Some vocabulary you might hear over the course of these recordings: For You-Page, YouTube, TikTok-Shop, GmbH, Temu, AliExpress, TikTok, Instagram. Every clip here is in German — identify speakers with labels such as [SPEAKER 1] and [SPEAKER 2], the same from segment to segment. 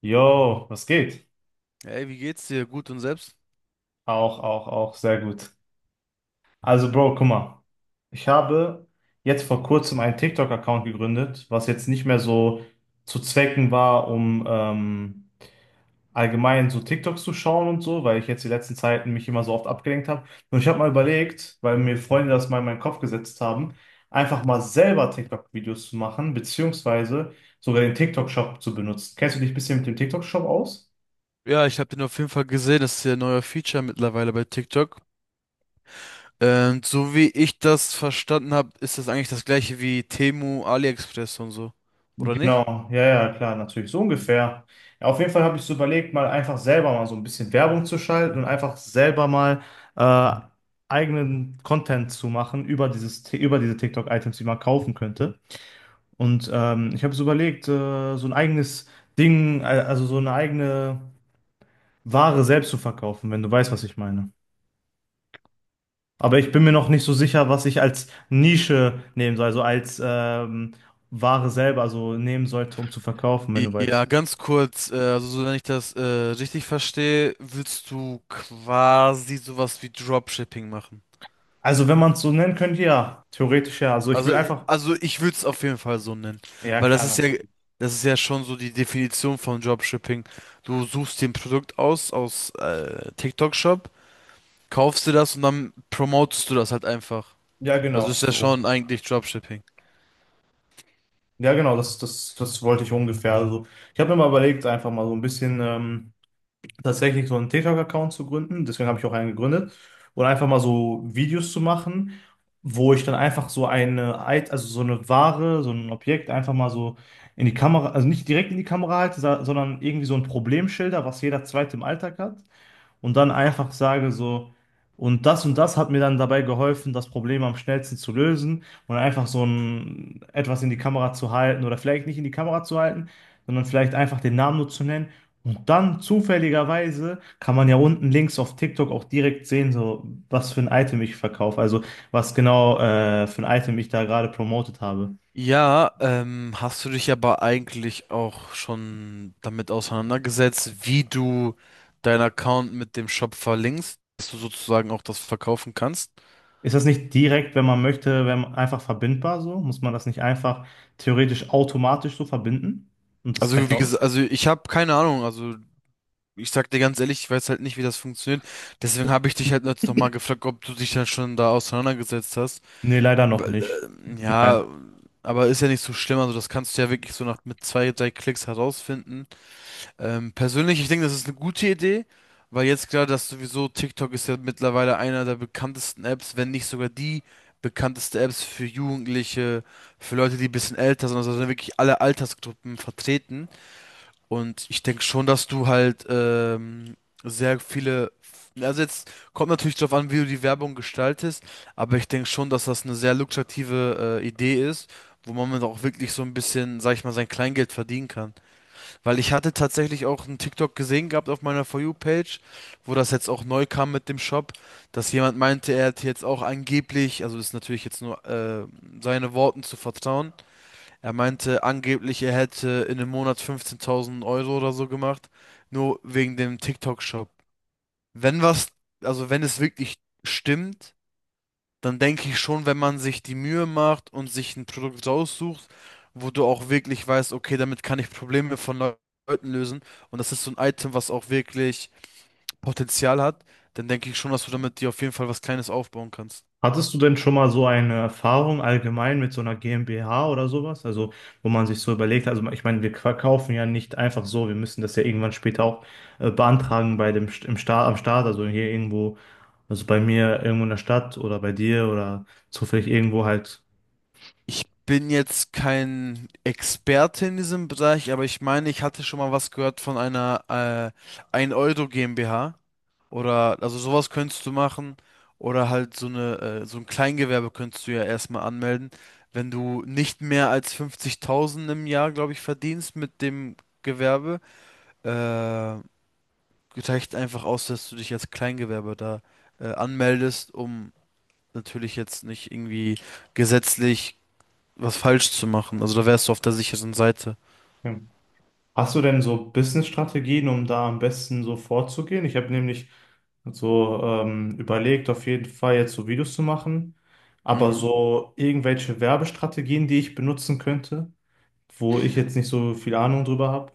[SPEAKER 1] Jo, was geht?
[SPEAKER 2] Hey, wie geht's dir? Gut und selbst?
[SPEAKER 1] Auch, auch, auch, sehr gut. Also, Bro, guck mal. Ich habe jetzt vor kurzem einen TikTok-Account gegründet, was jetzt nicht mehr so zu Zwecken war, um allgemein so TikToks zu schauen und so, weil ich jetzt die letzten Zeiten mich immer so oft abgelenkt habe. Und ich habe mal überlegt, weil mir Freunde das mal in meinen Kopf gesetzt haben, einfach mal selber TikTok-Videos zu machen, beziehungsweise sogar den TikTok-Shop zu benutzen. Kennst du dich ein bisschen mit dem TikTok-Shop aus?
[SPEAKER 2] Ja, ich habe den auf jeden Fall gesehen. Das ist ja ein neuer Feature mittlerweile bei TikTok. Und so wie ich das verstanden habe, ist das eigentlich das gleiche wie Temu, AliExpress und so. Oder nicht?
[SPEAKER 1] Genau, ja, ja, klar, natürlich, so ungefähr. Ja, auf jeden Fall habe ich so überlegt, mal einfach selber mal so ein bisschen Werbung zu schalten und einfach selber mal äh, eigenen Content zu machen über über diese TikTok-Items, die man kaufen könnte. Und ich habe so überlegt, so ein eigenes Ding, also so eine eigene Ware selbst zu verkaufen, wenn du weißt, was ich meine. Aber ich bin mir noch nicht so sicher, was ich als Nische nehmen soll, also als Ware selber so nehmen sollte, um zu verkaufen, wenn du
[SPEAKER 2] Ja,
[SPEAKER 1] weißt.
[SPEAKER 2] ganz kurz, also so, wenn ich das richtig verstehe, willst du quasi sowas wie Dropshipping machen.
[SPEAKER 1] Also, wenn man es so nennen könnte, ja, theoretisch ja. Also, ich will einfach,
[SPEAKER 2] Also ich würde es auf jeden Fall so nennen,
[SPEAKER 1] ja,
[SPEAKER 2] weil das
[SPEAKER 1] klar,
[SPEAKER 2] ist ja,
[SPEAKER 1] natürlich.
[SPEAKER 2] das ist ja schon so die Definition von Dropshipping. Du suchst dir ein Produkt aus TikTok-Shop, kaufst dir das und dann promotest du das halt einfach.
[SPEAKER 1] Ja,
[SPEAKER 2] Also
[SPEAKER 1] genau,
[SPEAKER 2] ist ja
[SPEAKER 1] so.
[SPEAKER 2] schon eigentlich Dropshipping.
[SPEAKER 1] Ja, genau, das wollte ich ungefähr. Also, ich habe mir mal überlegt, einfach mal so ein bisschen tatsächlich so einen TikTok-Account zu gründen. Deswegen habe ich auch einen gegründet. Und einfach mal so Videos zu machen, wo ich dann einfach also so eine Ware, so ein Objekt einfach mal so in die Kamera, also nicht direkt in die Kamera halte, sondern irgendwie so ein Problemschilder, was jeder zweite im Alltag hat. Und dann einfach sage so, und das hat mir dann dabei geholfen, das Problem am schnellsten zu lösen und einfach etwas in die Kamera zu halten oder vielleicht nicht in die Kamera zu halten, sondern vielleicht einfach den Namen nur zu nennen. Und dann zufälligerweise kann man ja unten links auf TikTok auch direkt sehen, so was für ein Item ich verkaufe, also was genau für ein Item ich da gerade promotet habe.
[SPEAKER 2] Ja, hast du dich aber eigentlich auch schon damit auseinandergesetzt, wie du deinen Account mit dem Shop verlinkst, dass du sozusagen auch das verkaufen kannst?
[SPEAKER 1] Ist das nicht direkt, wenn man möchte, wenn man einfach verbindbar so? Muss man das nicht einfach theoretisch automatisch so verbinden? Und das
[SPEAKER 2] Also
[SPEAKER 1] reicht
[SPEAKER 2] wie gesagt,
[SPEAKER 1] aus?
[SPEAKER 2] also ich habe keine Ahnung, also ich sag dir ganz ehrlich, ich weiß halt nicht, wie das funktioniert. Deswegen habe ich dich halt jetzt nochmal gefragt, ob du dich dann schon da auseinandergesetzt hast.
[SPEAKER 1] Nee, leider noch
[SPEAKER 2] Weil,
[SPEAKER 1] nicht.
[SPEAKER 2] ja.
[SPEAKER 1] Nein.
[SPEAKER 2] Aber ist ja nicht so schlimm, also das kannst du ja wirklich so nach mit zwei, drei Klicks herausfinden. Persönlich, ich denke, das ist eine gute Idee, weil jetzt klar, dass sowieso TikTok ist ja mittlerweile einer der bekanntesten Apps, wenn nicht sogar die bekannteste Apps für Jugendliche, für Leute, die ein bisschen älter sind, also da sind wirklich alle Altersgruppen vertreten. Und ich denke schon, dass du halt sehr viele. Also jetzt kommt natürlich darauf an, wie du die Werbung gestaltest, aber ich denke schon, dass das eine sehr lukrative Idee ist, wo man mit auch wirklich so ein bisschen, sag ich mal, sein Kleingeld verdienen kann. Weil ich hatte tatsächlich auch einen TikTok gesehen gehabt auf meiner For You-Page, wo das jetzt auch neu kam mit dem Shop, dass jemand meinte, er hätte jetzt auch angeblich, also ist natürlich jetzt nur seine Worten zu vertrauen, er meinte angeblich, er hätte in einem Monat 15.000 Euro oder so gemacht, nur wegen dem TikTok-Shop. Wenn was, also wenn es wirklich stimmt, dann denke ich schon, wenn man sich die Mühe macht und sich ein Produkt raussucht, wo du auch wirklich weißt, okay, damit kann ich Probleme von Leuten lösen und das ist so ein Item, was auch wirklich Potenzial hat, dann denke ich schon, dass du damit dir auf jeden Fall was Kleines aufbauen kannst.
[SPEAKER 1] Hattest du denn schon mal so eine Erfahrung allgemein mit so einer GmbH oder sowas? Also, wo man sich so überlegt, also ich meine, wir verkaufen ja nicht einfach so, wir müssen das ja irgendwann später auch beantragen im Staat, am Staat, also hier irgendwo, also bei mir irgendwo in der Stadt oder bei dir oder zufällig irgendwo halt.
[SPEAKER 2] Ich bin jetzt kein Experte in diesem Bereich, aber ich meine, ich hatte schon mal was gehört von einer 1-Euro GmbH. Oder, also sowas könntest du machen. Oder halt so ein Kleingewerbe könntest du ja erstmal anmelden. Wenn du nicht mehr als 50.000 im Jahr, glaube ich, verdienst mit dem Gewerbe, äh, reicht einfach aus, dass du dich als Kleingewerbe da anmeldest, um natürlich jetzt nicht irgendwie gesetzlich was falsch zu machen. Also da wärst du auf der sicheren Seite.
[SPEAKER 1] Hast du denn so Business-Strategien, um da am besten so vorzugehen? Ich habe nämlich so überlegt, auf jeden Fall jetzt so Videos zu machen, aber
[SPEAKER 2] Mhm.
[SPEAKER 1] so irgendwelche Werbestrategien, die ich benutzen könnte, wo ich jetzt nicht so viel Ahnung drüber habe.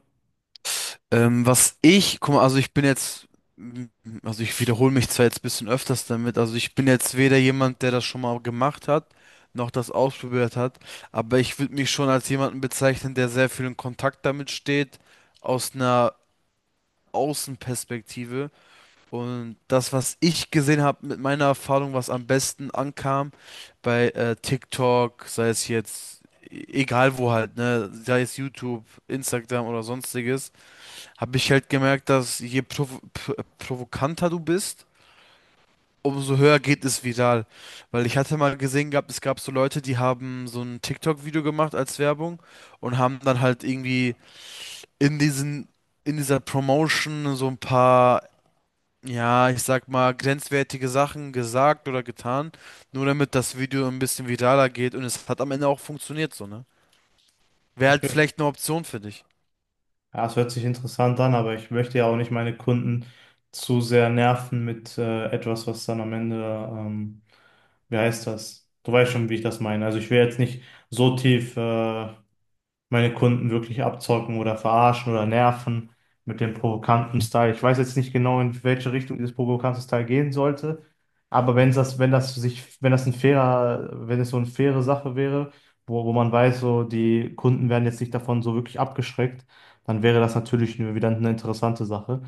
[SPEAKER 2] Was ich, guck mal, also ich bin jetzt, m- also ich wiederhole mich zwar jetzt ein bisschen öfters damit, also ich bin jetzt weder jemand, der das schon mal gemacht hat, noch das ausprobiert hat, aber ich würde mich schon als jemanden bezeichnen, der sehr viel in Kontakt damit steht, aus einer Außenperspektive. Und das, was ich gesehen habe mit meiner Erfahrung, was am besten ankam bei TikTok, sei es jetzt, egal wo halt, ne, sei es YouTube, Instagram oder sonstiges, habe ich halt gemerkt, dass je provokanter du bist, umso höher geht es viral. Weil ich hatte mal gesehen gehabt, es gab so Leute, die haben so ein TikTok-Video gemacht als Werbung und haben dann halt irgendwie in diesen, in dieser Promotion so ein paar ja, ich sag mal, grenzwertige Sachen gesagt oder getan, nur damit das Video ein bisschen viraler geht und es hat am Ende auch funktioniert, so, ne? Wäre halt
[SPEAKER 1] Okay.
[SPEAKER 2] vielleicht eine Option für dich.
[SPEAKER 1] Ja, es hört sich interessant an, aber ich möchte ja auch nicht meine Kunden zu sehr nerven mit etwas, was dann am Ende, ähm, wie heißt das? Du weißt schon, wie ich das meine. Also ich will jetzt nicht so tief meine Kunden wirklich abzocken oder verarschen oder nerven mit dem provokanten Style. Ich weiß jetzt nicht genau, in welche Richtung dieses provokante Style gehen sollte, aber wenn es so eine faire Sache wäre, wo man weiß, so die Kunden werden jetzt nicht davon so wirklich abgeschreckt, dann wäre das natürlich wieder eine interessante Sache.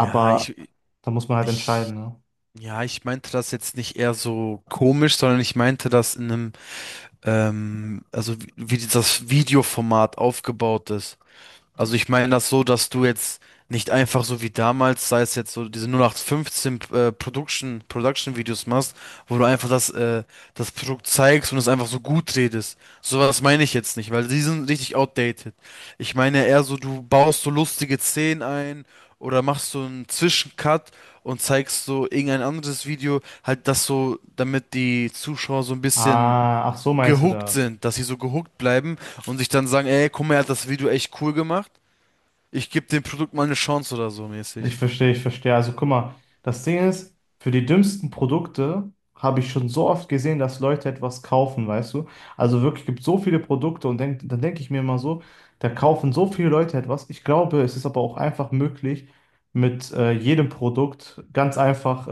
[SPEAKER 2] Ja,
[SPEAKER 1] da muss man halt
[SPEAKER 2] ich,
[SPEAKER 1] entscheiden, ne?
[SPEAKER 2] ja, ich meinte das jetzt nicht eher so komisch, sondern ich meinte das in einem, also wie das Videoformat aufgebaut ist. Also ich meine das so, dass du jetzt nicht einfach so wie damals, sei es jetzt so diese 0815 Production Videos machst, wo du einfach das Produkt zeigst und es einfach so gut redest. Sowas meine ich jetzt nicht, weil die sind richtig outdated. Ich meine eher so, du baust so lustige Szenen ein oder machst so einen Zwischencut und zeigst so irgendein anderes Video, halt das so, damit die Zuschauer so ein bisschen
[SPEAKER 1] Ah, ach so meinst du
[SPEAKER 2] gehuckt
[SPEAKER 1] das?
[SPEAKER 2] sind, dass sie so gehuckt bleiben und sich dann sagen, ey, guck mal, er hat das Video echt cool gemacht. Ich gebe dem Produkt mal eine Chance oder so
[SPEAKER 1] Ich
[SPEAKER 2] mäßig.
[SPEAKER 1] verstehe, ich verstehe. Also guck mal, das Ding ist, für die dümmsten Produkte habe ich schon so oft gesehen, dass Leute etwas kaufen, weißt du? Also wirklich gibt so viele Produkte und dann denke ich mir immer so, da kaufen so viele Leute etwas. Ich glaube, es ist aber auch einfach möglich, mit jedem Produkt ganz einfach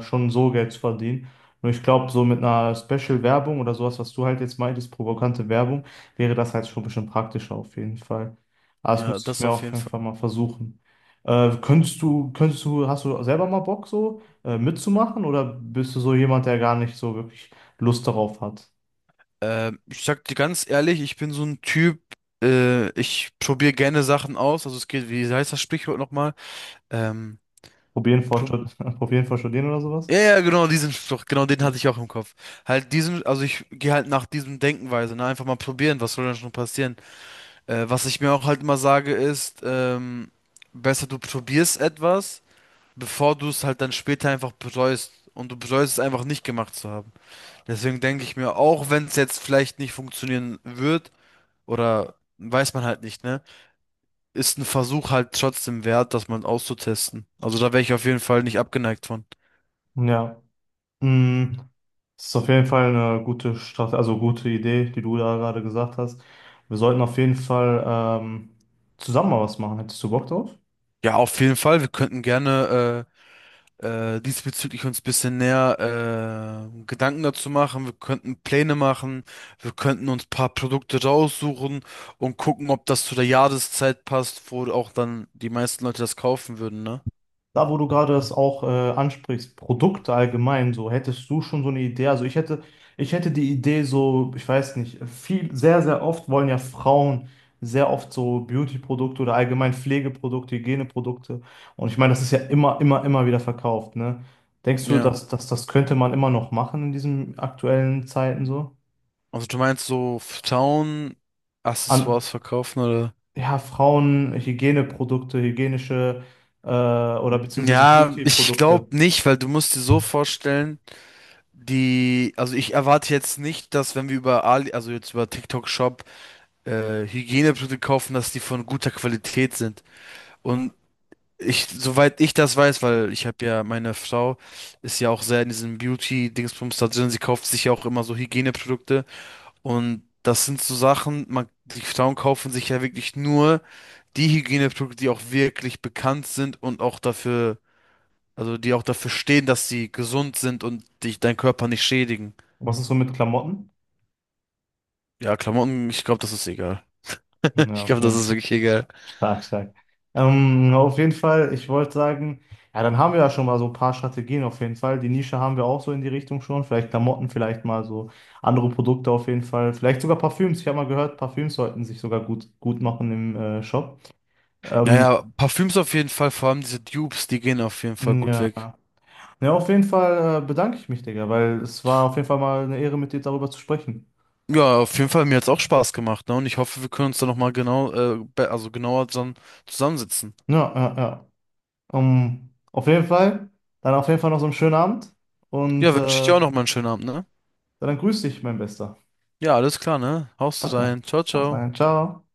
[SPEAKER 1] schon so Geld zu verdienen. Nur ich glaube, so mit einer Special-Werbung oder sowas, was du halt jetzt meintest, provokante Werbung, wäre das halt schon ein bisschen praktischer auf jeden Fall. Aber das
[SPEAKER 2] Ja,
[SPEAKER 1] muss ich
[SPEAKER 2] das
[SPEAKER 1] mir
[SPEAKER 2] auf
[SPEAKER 1] auf
[SPEAKER 2] jeden
[SPEAKER 1] jeden
[SPEAKER 2] Fall.
[SPEAKER 1] Fall mal versuchen. Hast du selber mal Bock so mitzumachen oder bist du so jemand, der gar nicht so wirklich Lust darauf hat?
[SPEAKER 2] Ich sag dir ganz ehrlich, ich bin so ein Typ, ich probiere gerne Sachen aus. Also es geht, wie heißt das Sprichwort nochmal? Ähm,
[SPEAKER 1] Probieren vor
[SPEAKER 2] prob-
[SPEAKER 1] Stud Probieren vor Studieren oder sowas?
[SPEAKER 2] ja, ja, genau, diesen Spruch, genau den hatte ich
[SPEAKER 1] Mhm.
[SPEAKER 2] auch im Kopf. Halt diesen, also ich gehe halt nach diesem Denkenweise, ne? Einfach mal probieren, was soll denn schon passieren? Was ich mir auch halt immer sage ist, besser du probierst etwas, bevor du es halt dann später einfach bereust. Und du bereust es einfach nicht gemacht zu haben. Deswegen denke ich mir, auch wenn es jetzt vielleicht nicht funktionieren wird, oder weiß man halt nicht, ne? Ist ein Versuch halt trotzdem wert, das mal auszutesten. Also da wäre ich auf jeden Fall nicht abgeneigt von.
[SPEAKER 1] Ja, mm, das ist auf jeden Fall eine gute Strategie, also gute Idee, die du da gerade gesagt hast. Wir sollten auf jeden Fall ähm, zusammen mal was machen. Hättest du Bock drauf?
[SPEAKER 2] Ja, auf jeden Fall. Wir könnten gerne diesbezüglich uns ein bisschen näher Gedanken dazu machen. Wir könnten Pläne machen. Wir könnten uns ein paar Produkte raussuchen und gucken, ob das zu der Jahreszeit passt, wo auch dann die meisten Leute das kaufen würden, ne?
[SPEAKER 1] Da, wo du gerade das auch ansprichst, Produkte allgemein, so hättest du schon so eine Idee. Also ich hätte die Idee so, ich weiß nicht, viel, sehr, sehr oft wollen ja Frauen sehr oft so Beauty-Produkte oder allgemein Pflegeprodukte, Hygieneprodukte. Und ich meine, das ist ja immer, immer, immer wieder verkauft, ne? Denkst du,
[SPEAKER 2] Ja.
[SPEAKER 1] dass das könnte man immer noch machen in diesen aktuellen Zeiten so?
[SPEAKER 2] Also du meinst so
[SPEAKER 1] An,
[SPEAKER 2] Town-Accessoires verkaufen oder?
[SPEAKER 1] ja, Frauen, Hygieneprodukte, hygienische oder beziehungsweise
[SPEAKER 2] Ja, ich
[SPEAKER 1] Beauty-Produkte.
[SPEAKER 2] glaube nicht, weil du musst dir so vorstellen, die, also ich erwarte jetzt nicht, dass wenn wir also jetzt über TikTok Shop Hygieneprodukte kaufen, dass die von guter Qualität sind. Und ich, soweit ich das weiß, weil ich habe ja, meine Frau ist ja auch sehr in diesem Beauty-Dingsbums da drin, sie kauft sich ja auch immer so Hygieneprodukte und das sind so Sachen, man, die Frauen kaufen sich ja wirklich nur die Hygieneprodukte, die auch wirklich bekannt sind und auch dafür, also die auch dafür stehen, dass sie gesund sind und dich deinen Körper nicht schädigen.
[SPEAKER 1] Was ist so mit Klamotten?
[SPEAKER 2] Ja, Klamotten, ich glaube, das ist egal. Ich
[SPEAKER 1] Ja,
[SPEAKER 2] glaube, das
[SPEAKER 1] okay.
[SPEAKER 2] ist wirklich egal.
[SPEAKER 1] Stark, stark. Auf jeden Fall, ich wollte sagen, ja, dann haben wir ja schon mal so ein paar Strategien auf jeden Fall. Die Nische haben wir auch so in die Richtung schon. Vielleicht Klamotten, vielleicht mal so andere Produkte auf jeden Fall. Vielleicht sogar Parfüms. Ich habe mal gehört, Parfüms sollten sich sogar gut, gut machen im Shop.
[SPEAKER 2] Ja,
[SPEAKER 1] Ähm,
[SPEAKER 2] ja, Parfüms auf jeden Fall, vor allem diese Dupes, die gehen auf jeden Fall gut
[SPEAKER 1] ja.
[SPEAKER 2] weg.
[SPEAKER 1] Ja, auf jeden Fall bedanke ich mich, Digga, weil es war auf jeden Fall mal eine Ehre, mit dir darüber zu sprechen.
[SPEAKER 2] Ja, auf jeden Fall, mir hat's auch Spaß gemacht, ne? Und ich hoffe, wir können uns da nochmal genau, also genauer dann zusammensitzen.
[SPEAKER 1] Ja, ja, ja. Auf jeden Fall, dann auf jeden Fall noch so einen schönen Abend
[SPEAKER 2] Ja,
[SPEAKER 1] und
[SPEAKER 2] wünsche ich dir auch nochmal einen schönen Abend, ne?
[SPEAKER 1] dann grüß dich, mein Bester.
[SPEAKER 2] Ja, alles klar, ne? Haust du
[SPEAKER 1] Pascal.
[SPEAKER 2] rein. Ciao,
[SPEAKER 1] Haus rein.
[SPEAKER 2] ciao.
[SPEAKER 1] Ciao.